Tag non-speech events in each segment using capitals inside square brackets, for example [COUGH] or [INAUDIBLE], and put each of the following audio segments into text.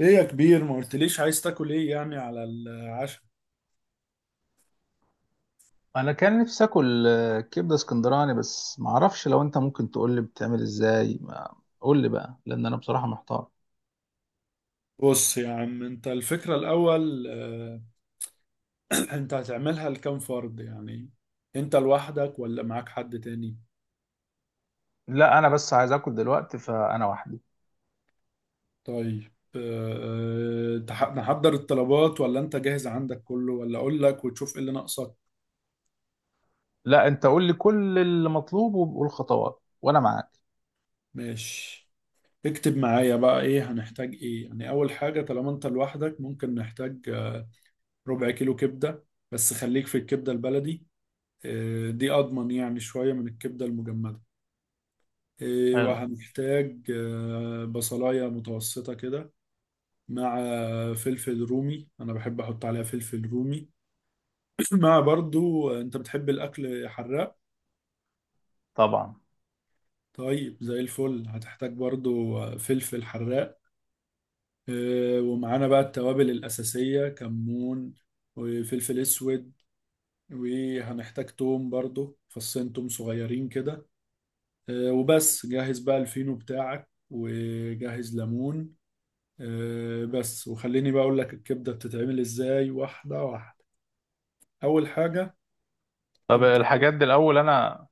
ايه يا كبير، ما قلتليش عايز تاكل ايه يعني على العشاء؟ انا كان نفسي اكل كبده اسكندراني، بس ما اعرفش. لو انت ممكن تقول لي بتعمل ازاي، ما قول لي بقى، لان انا بصراحه محتار. بص يا عم، انت الفكرة الاول [CLEARS THROAT] انت هتعملها لكام فرد يعني؟ انت لوحدك ولا معاك حد تاني؟ لا انا بس عايز اكل دلوقتي، فانا وحدي. طيب، نحضر الطلبات ولا انت جاهز عندك كله، ولا اقول لك وتشوف ايه اللي ناقصك؟ لا انت قول لي كل اللي مطلوب والخطوات وانا معاك. ماشي. اكتب معايا بقى، ايه هنحتاج؟ ايه يعني اول حاجة طالما انت لوحدك؟ ممكن نحتاج ربع كيلو كبدة. بس خليك في الكبدة البلدي. دي اضمن يعني، شوية من الكبدة المجمدة. إيه، حلو. وهنحتاج بصلاية متوسطة كده. مع فلفل رومي، أنا بحب أحط عليها فلفل رومي. [CLEARS THROAT] مع برضو. أنت بتحب الأكل حراق؟ طبعا. طيب زي الفل. هتحتاج برضو فلفل حراق. ومعانا بقى التوابل الأساسية، كمون وفلفل أسود. وهنحتاج توم برضو، فصين توم صغيرين كده. وبس، جهز بقى الفينو بتاعك وجهز ليمون. بس، وخليني بقى اقول لك الكبده بتتعمل ازاي، واحده واحده. اول حاجه، طب انت الحاجات دي الاول انا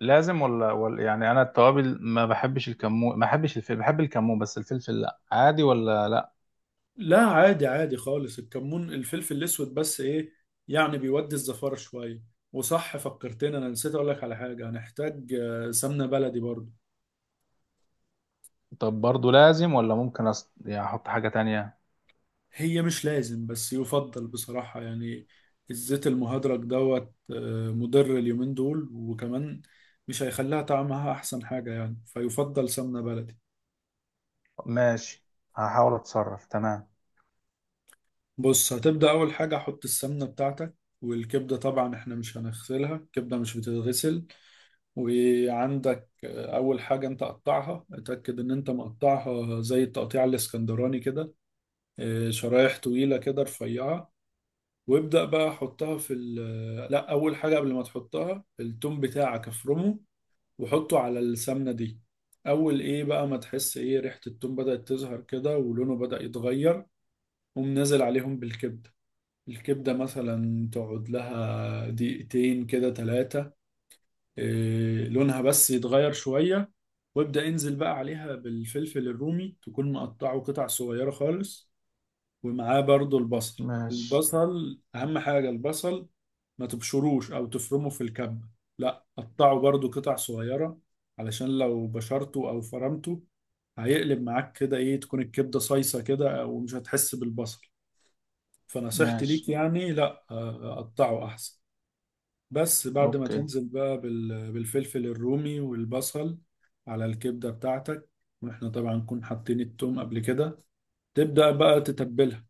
لازم ولا يعني، انا التوابل ما بحبش الكمون، ما بحبش الفلفل. بحب الكمون بس الفلفل لا، عادي ولا لا؟ لا عادي، عادي خالص، الكمون الفلفل الاسود بس، ايه، يعني بيودي الزفاره شويه. وصح، فكرتني، انا نسيت اقول لك على حاجه. هنحتاج سمنه بلدي برضو. طب برضو لازم ولا ممكن يعني احط حاجه تانية؟ هي مش لازم، بس يفضل بصراحه يعني. الزيت المهدرج دوت مضر اليومين دول، وكمان مش هيخليها طعمها احسن حاجه يعني، فيفضل سمنه بلدي. ماشي. هحاول اتصرف. تمام. بص، هتبدأ أول حاجة، حط السمنة بتاعتك. والكبدة طبعا احنا مش هنغسلها، الكبدة مش بتتغسل. وعندك أول حاجة أنت قطعها، اتأكد إن أنت مقطعها زي التقطيع الإسكندراني كده. شرايح طويلة كده، رفيعة. وابدأ بقى حطها في ال، لأ، أول حاجة قبل ما تحطها، التوم بتاعك افرمه وحطه على السمنة دي. أول إيه بقى ما تحس إيه ريحة التوم بدأت تظهر كده ولونه بدأ يتغير، قوم نازل عليهم بالكبدة. الكبدة مثلا تقعد لها دقيقتين كده، ثلاثة. لونها بس يتغير شوية، وابدأ انزل بقى عليها بالفلفل الرومي، تكون مقطعه قطع صغيرة خالص. ومعاه برضو البصل. ماشي. البصل أهم حاجة، البصل ما تبشروش أو تفرمه في الكبة. لا، قطعه برضو قطع صغيرة، علشان لو بشرته أو فرمته هيقلب معاك كده، ايه، تكون الكبدة صيصة كده ومش هتحس بالبصل. فنصيحتي ليك ماشي. يعني لا، قطعه احسن. بس بعد ما اوكي. تنزل بقى بالفلفل الرومي والبصل على الكبدة بتاعتك، واحنا طبعا نكون حاطين التوم قبل كده، تبدأ بقى تتبلها.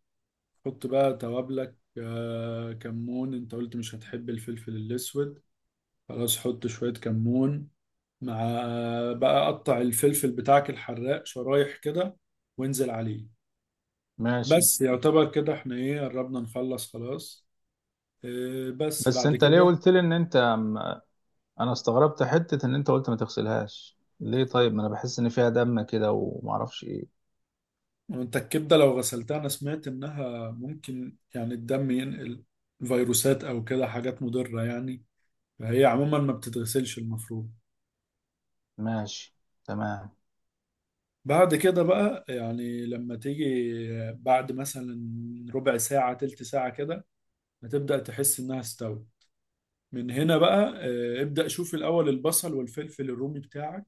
حط بقى توابلك، كمون. انت قلت مش هتحب الفلفل الاسود، خلاص، حط شوية كمون مع بقى قطع الفلفل بتاعك الحراق شرايح كده، وانزل عليه. ماشي. بس يعتبر كده احنا ايه قربنا نخلص خلاص. إيه، بس بس بعد انت ليه كده، قلت لي ان انا استغربت حتة ان انت قلت ما تغسلهاش ليه؟ طيب ما انا بحس ان فيها دم كده ومعرفش ايه. انت الكبده لو غسلتها، انا سمعت انها ممكن يعني الدم ينقل فيروسات او كده، حاجات مضره يعني. فهي عموما ما بتتغسلش المفروض. ماشي. تمام. بعد كده بقى يعني، لما تيجي بعد مثلا ربع ساعه، تلت ساعه كده، هتبدا تحس انها استوت. من هنا بقى إيه، ابدا شوف الاول البصل والفلفل الرومي بتاعك،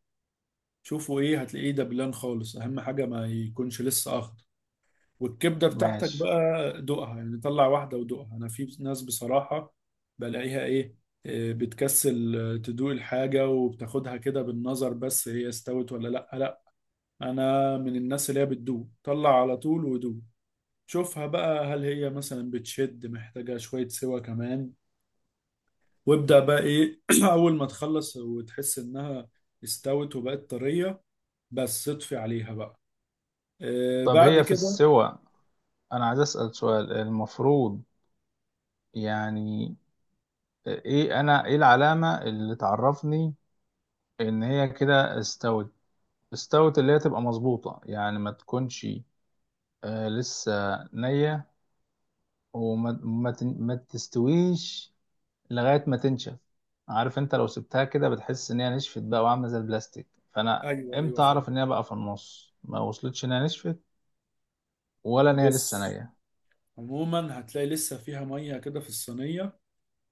شوفوا ايه، هتلاقيه دبلان خالص. اهم حاجه ما يكونش لسه اخضر. والكبدة بتاعتك ماشي. بقى دوقها يعني، طلع واحدة ودوقها. أنا في ناس بصراحة بلاقيها إيه، إيه، بتكسل تدوق الحاجة، وبتاخدها كده بالنظر، بس هي استوت ولا لأ. لأ، أنا من الناس اللي هي بتدوق، طلع على طول ودوق. شوفها بقى، هل هي مثلا بتشد محتاجة شوية سوا كمان. وابدأ بقى إيه، [CLEARS THROAT] أول ما تخلص وتحس إنها استوت وبقت طرية، بس اطفي عليها بقى. إيه، طب بعد هي في كده. السوى، انا عايز اسأل سؤال. المفروض يعني ايه، انا ايه العلامة اللي تعرفني ان هي كده استوت؟ استوت اللي هي تبقى مظبوطة يعني، ما تكونش آه لسه نية، وما ما, تن- ما تستويش لغاية ما تنشف. عارف انت لو سبتها كده بتحس ان هي نشفت بقى وعاملة زي البلاستيك. فانا أيوه أيوه، امتى فاهم. اعرف ان هي بقى في النص، ما وصلتش ان هي نشفت ولا ان هي لسه بص، نية؟ عموما هتلاقي لسه فيها ميه كده في الصينيه،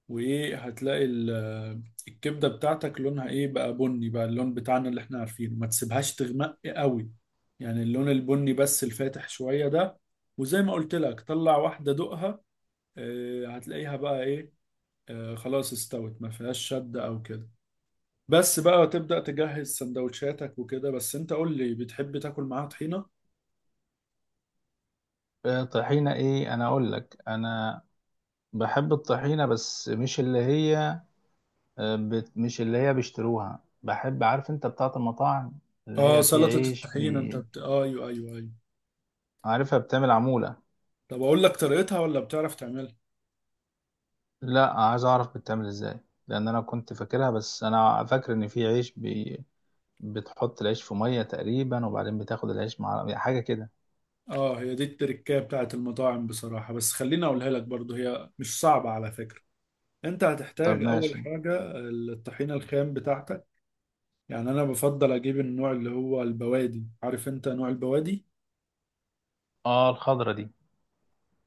وايه، هتلاقي الكبده بتاعتك لونها ايه بقى، بني بقى، اللون بتاعنا اللي احنا عارفينه. ما تسيبهاش تغمق قوي، يعني اللون البني بس الفاتح شويه ده. وزي ما قلت لك، طلع واحده دقها، هتلاقيها بقى ايه، خلاص، استوت ما فيهاش شد او كده. بس بقى تبدأ تجهز سندوتشاتك وكده. بس انت قول لي، بتحب تاكل معاها طحينة؟ طحينة، ايه؟ انا اقول لك، انا بحب الطحينة بس مش اللي هي مش اللي هي بيشتروها. بحب، عارف انت، بتاعة المطاعم، اللي اه، هي في سلطة عيش الطحينة. انت بي... بت... آه، ايوه ايوه ايوه. عارفها، بتعمل عمولة. طب اقول لك طريقتها ولا بتعرف تعملها؟ لا، عايز اعرف بتتعمل ازاي، لان انا كنت فاكرها، بس انا فاكر ان في عيش بي... بتحط العيش في ميه تقريبا، وبعدين بتاخد العيش مع يعني حاجه كده. اه، هي دي التركية بتاعت المطاعم بصراحة، بس خليني اقولها لك برضو، هي مش صعبة على فكرة. انت طب هتحتاج اول ماشي. حاجة، الطحينة الخام بتاعتك. يعني انا بفضل اجيب النوع اللي هو البوادي، عارف انت نوع البوادي؟ اه الخضره دي.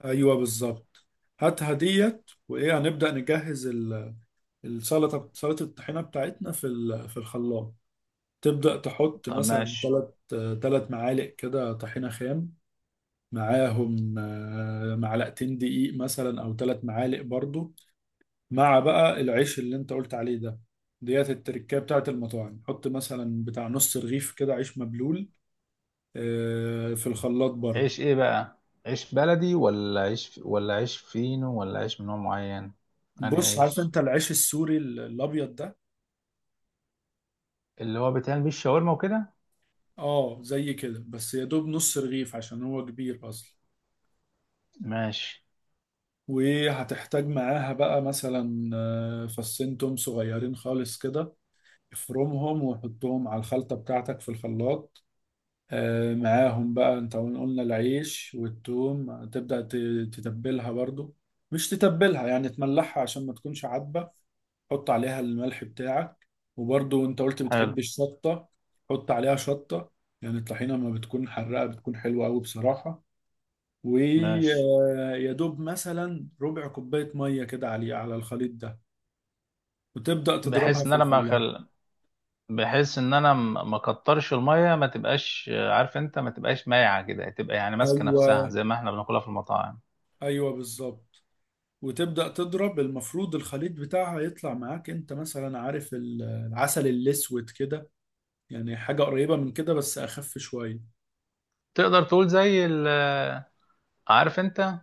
ايوه، بالظبط. هاتها ديت، وايه هنبدأ نجهز السلطة، سلطة الطحينة بتاعتنا في الخلاط. تبدأ تحط طب مثلا ماشي. ثلاث معالق كده طحينة خام، معاهم معلقتين دقيق مثلا، او ثلاث معالق برضو، مع بقى العيش اللي انت قلت عليه ده، ديت التركية بتاعت المطاعم. حط مثلا بتاع نص رغيف كده عيش مبلول، في الخلاط برضو. عيش ايه بقى؟ عيش بلدي ولا عيش ولا عيش فينو ولا عيش من نوع معين؟ انهي بص، عارف عيش؟ انت العيش السوري الابيض ده؟ اللي هو بيتعمل بيه الشاورما وكده؟ اه، زي كده، بس يا دوب نص رغيف عشان هو كبير اصلا. ماشي. وهتحتاج معاها بقى مثلا فصين توم صغيرين خالص كده، افرمهم وحطهم على الخلطة بتاعتك في الخلاط. معاهم بقى انت، قلنا العيش والثوم، تبدأ تتبلها برضو. مش تتبلها يعني، تملحها عشان ما تكونش عدبة. حط عليها الملح بتاعك، وبرضو انت قلت حلو. بتحب الشطة، حط عليها شطة. يعني الطحينة ما بتكون حراقة، بتكون حلوة قوي بصراحة. ماشي. ويا دوب مثلا ربع كوباية مية كده عليه، على الخليط ده، وتبدأ تضربها بحيث ان في انا لما الخلاط. بحيث ان انا ما كترش الميه، ما تبقاش عارف انت، ما تبقاش مايعه كده، تبقى يعني ماسكه ايوه نفسها زي ما احنا بناكلها في المطاعم. ايوه، بالظبط. وتبدأ تضرب، المفروض الخليط بتاعها يطلع معاك، انت مثلا عارف العسل الأسود كده؟ يعني حاجة قريبة من كده، بس أخف شوية. تقدر تقول زي ال- آه، عارف انت،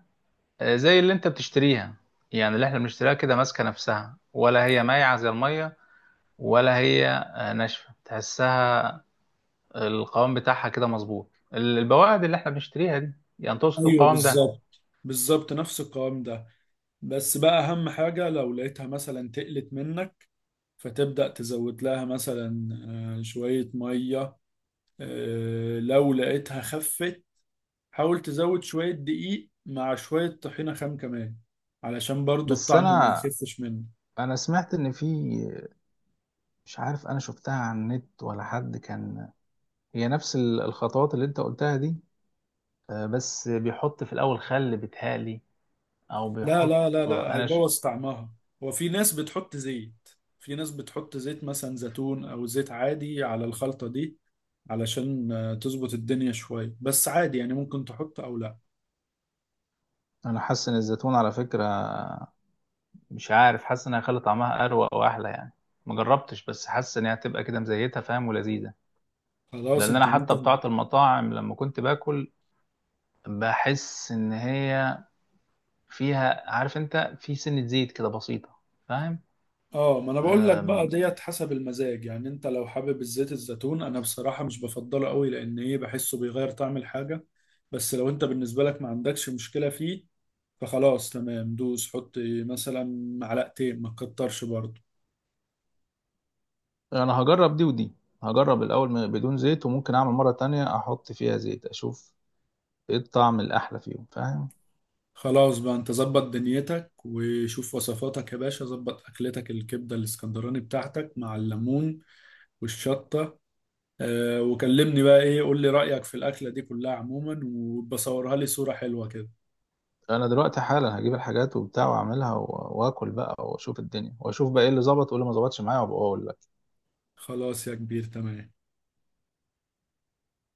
زي اللي انت بتشتريها، يعني اللي احنا بنشتريها كده ماسكه نفسها، ولا هي مايعه زي الميه، ولا هي ناشفه تحسها؟ القوام بتاعها كده مظبوط، البواعد اللي احنا بنشتريها دي، يعني تقصد ايوه، القوام ده؟ بالظبط بالظبط، نفس القوام ده. بس بقى أهم حاجة، لو لقيتها مثلا تقلت منك، فتبدأ تزود لها مثلا شوية مية. لو لقيتها خفت، حاول تزود شوية دقيق مع شوية طحينة خام كمان، علشان برضو بس الطعم ما انا، يخفش منك. انا سمعت ان في، مش عارف انا شفتها على النت ولا حد كان، هي نفس الخطوات اللي انت قلتها دي، بس بيحط في الاول خل بتهالي، او لا بيحط. لا لا لا، انا ش... هيبوظ طعمها. هو في ناس بتحط زيت، في ناس بتحط زيت مثلا زيتون او زيت عادي على الخلطة دي، علشان تظبط الدنيا شوية، بس عادي يعني، ممكن تحط او لا. انا حاسس ان الزيتون على فكره، مش عارف، حاسس انها خلي طعمها اروق واحلى يعني. ما جربتش بس حاسس ان هي هتبقى كده مزيتها، فاهم، ولذيذه. خلاص، لان انا انت حتى ممكن. بتاعه المطاعم لما كنت باكل بحس ان هي فيها، عارف انت، في سنه زيت كده بسيطه، فاهم. اه، ما انا بقول لك بقى أم، ديت حسب المزاج يعني، انت لو حابب الزيت الزيتون، انا بصراحة مش بفضله قوي، لان ايه، بحسه بيغير طعم الحاجة. بس لو انت بالنسبة لك ما عندكش مشكلة فيه، فخلاص تمام، دوس حط مثلا معلقتين، ما تكترش برضه. انا هجرب دي ودي. هجرب الاول بدون زيت، وممكن اعمل مره تانية احط فيها زيت، اشوف ايه الطعم الاحلى فيهم، فاهم. خلاص بقى، انت ظبط دنيتك وشوف وصفاتك يا باشا، ظبط اكلتك الكبده الاسكندراني بتاعتك مع الليمون والشطه. وكلمني بقى، ايه، قول لي رايك في الاكله دي كلها عموما، وبصورها لي صوره حلوه كده. انا دلوقتي حالا هجيب الحاجات وبتاع واعملها واكل بقى واشوف الدنيا، واشوف بقى ايه اللي ظبط وايه اللي ما ظبطش معايا، وابقى اقول. خلاص يا كبير، تمام.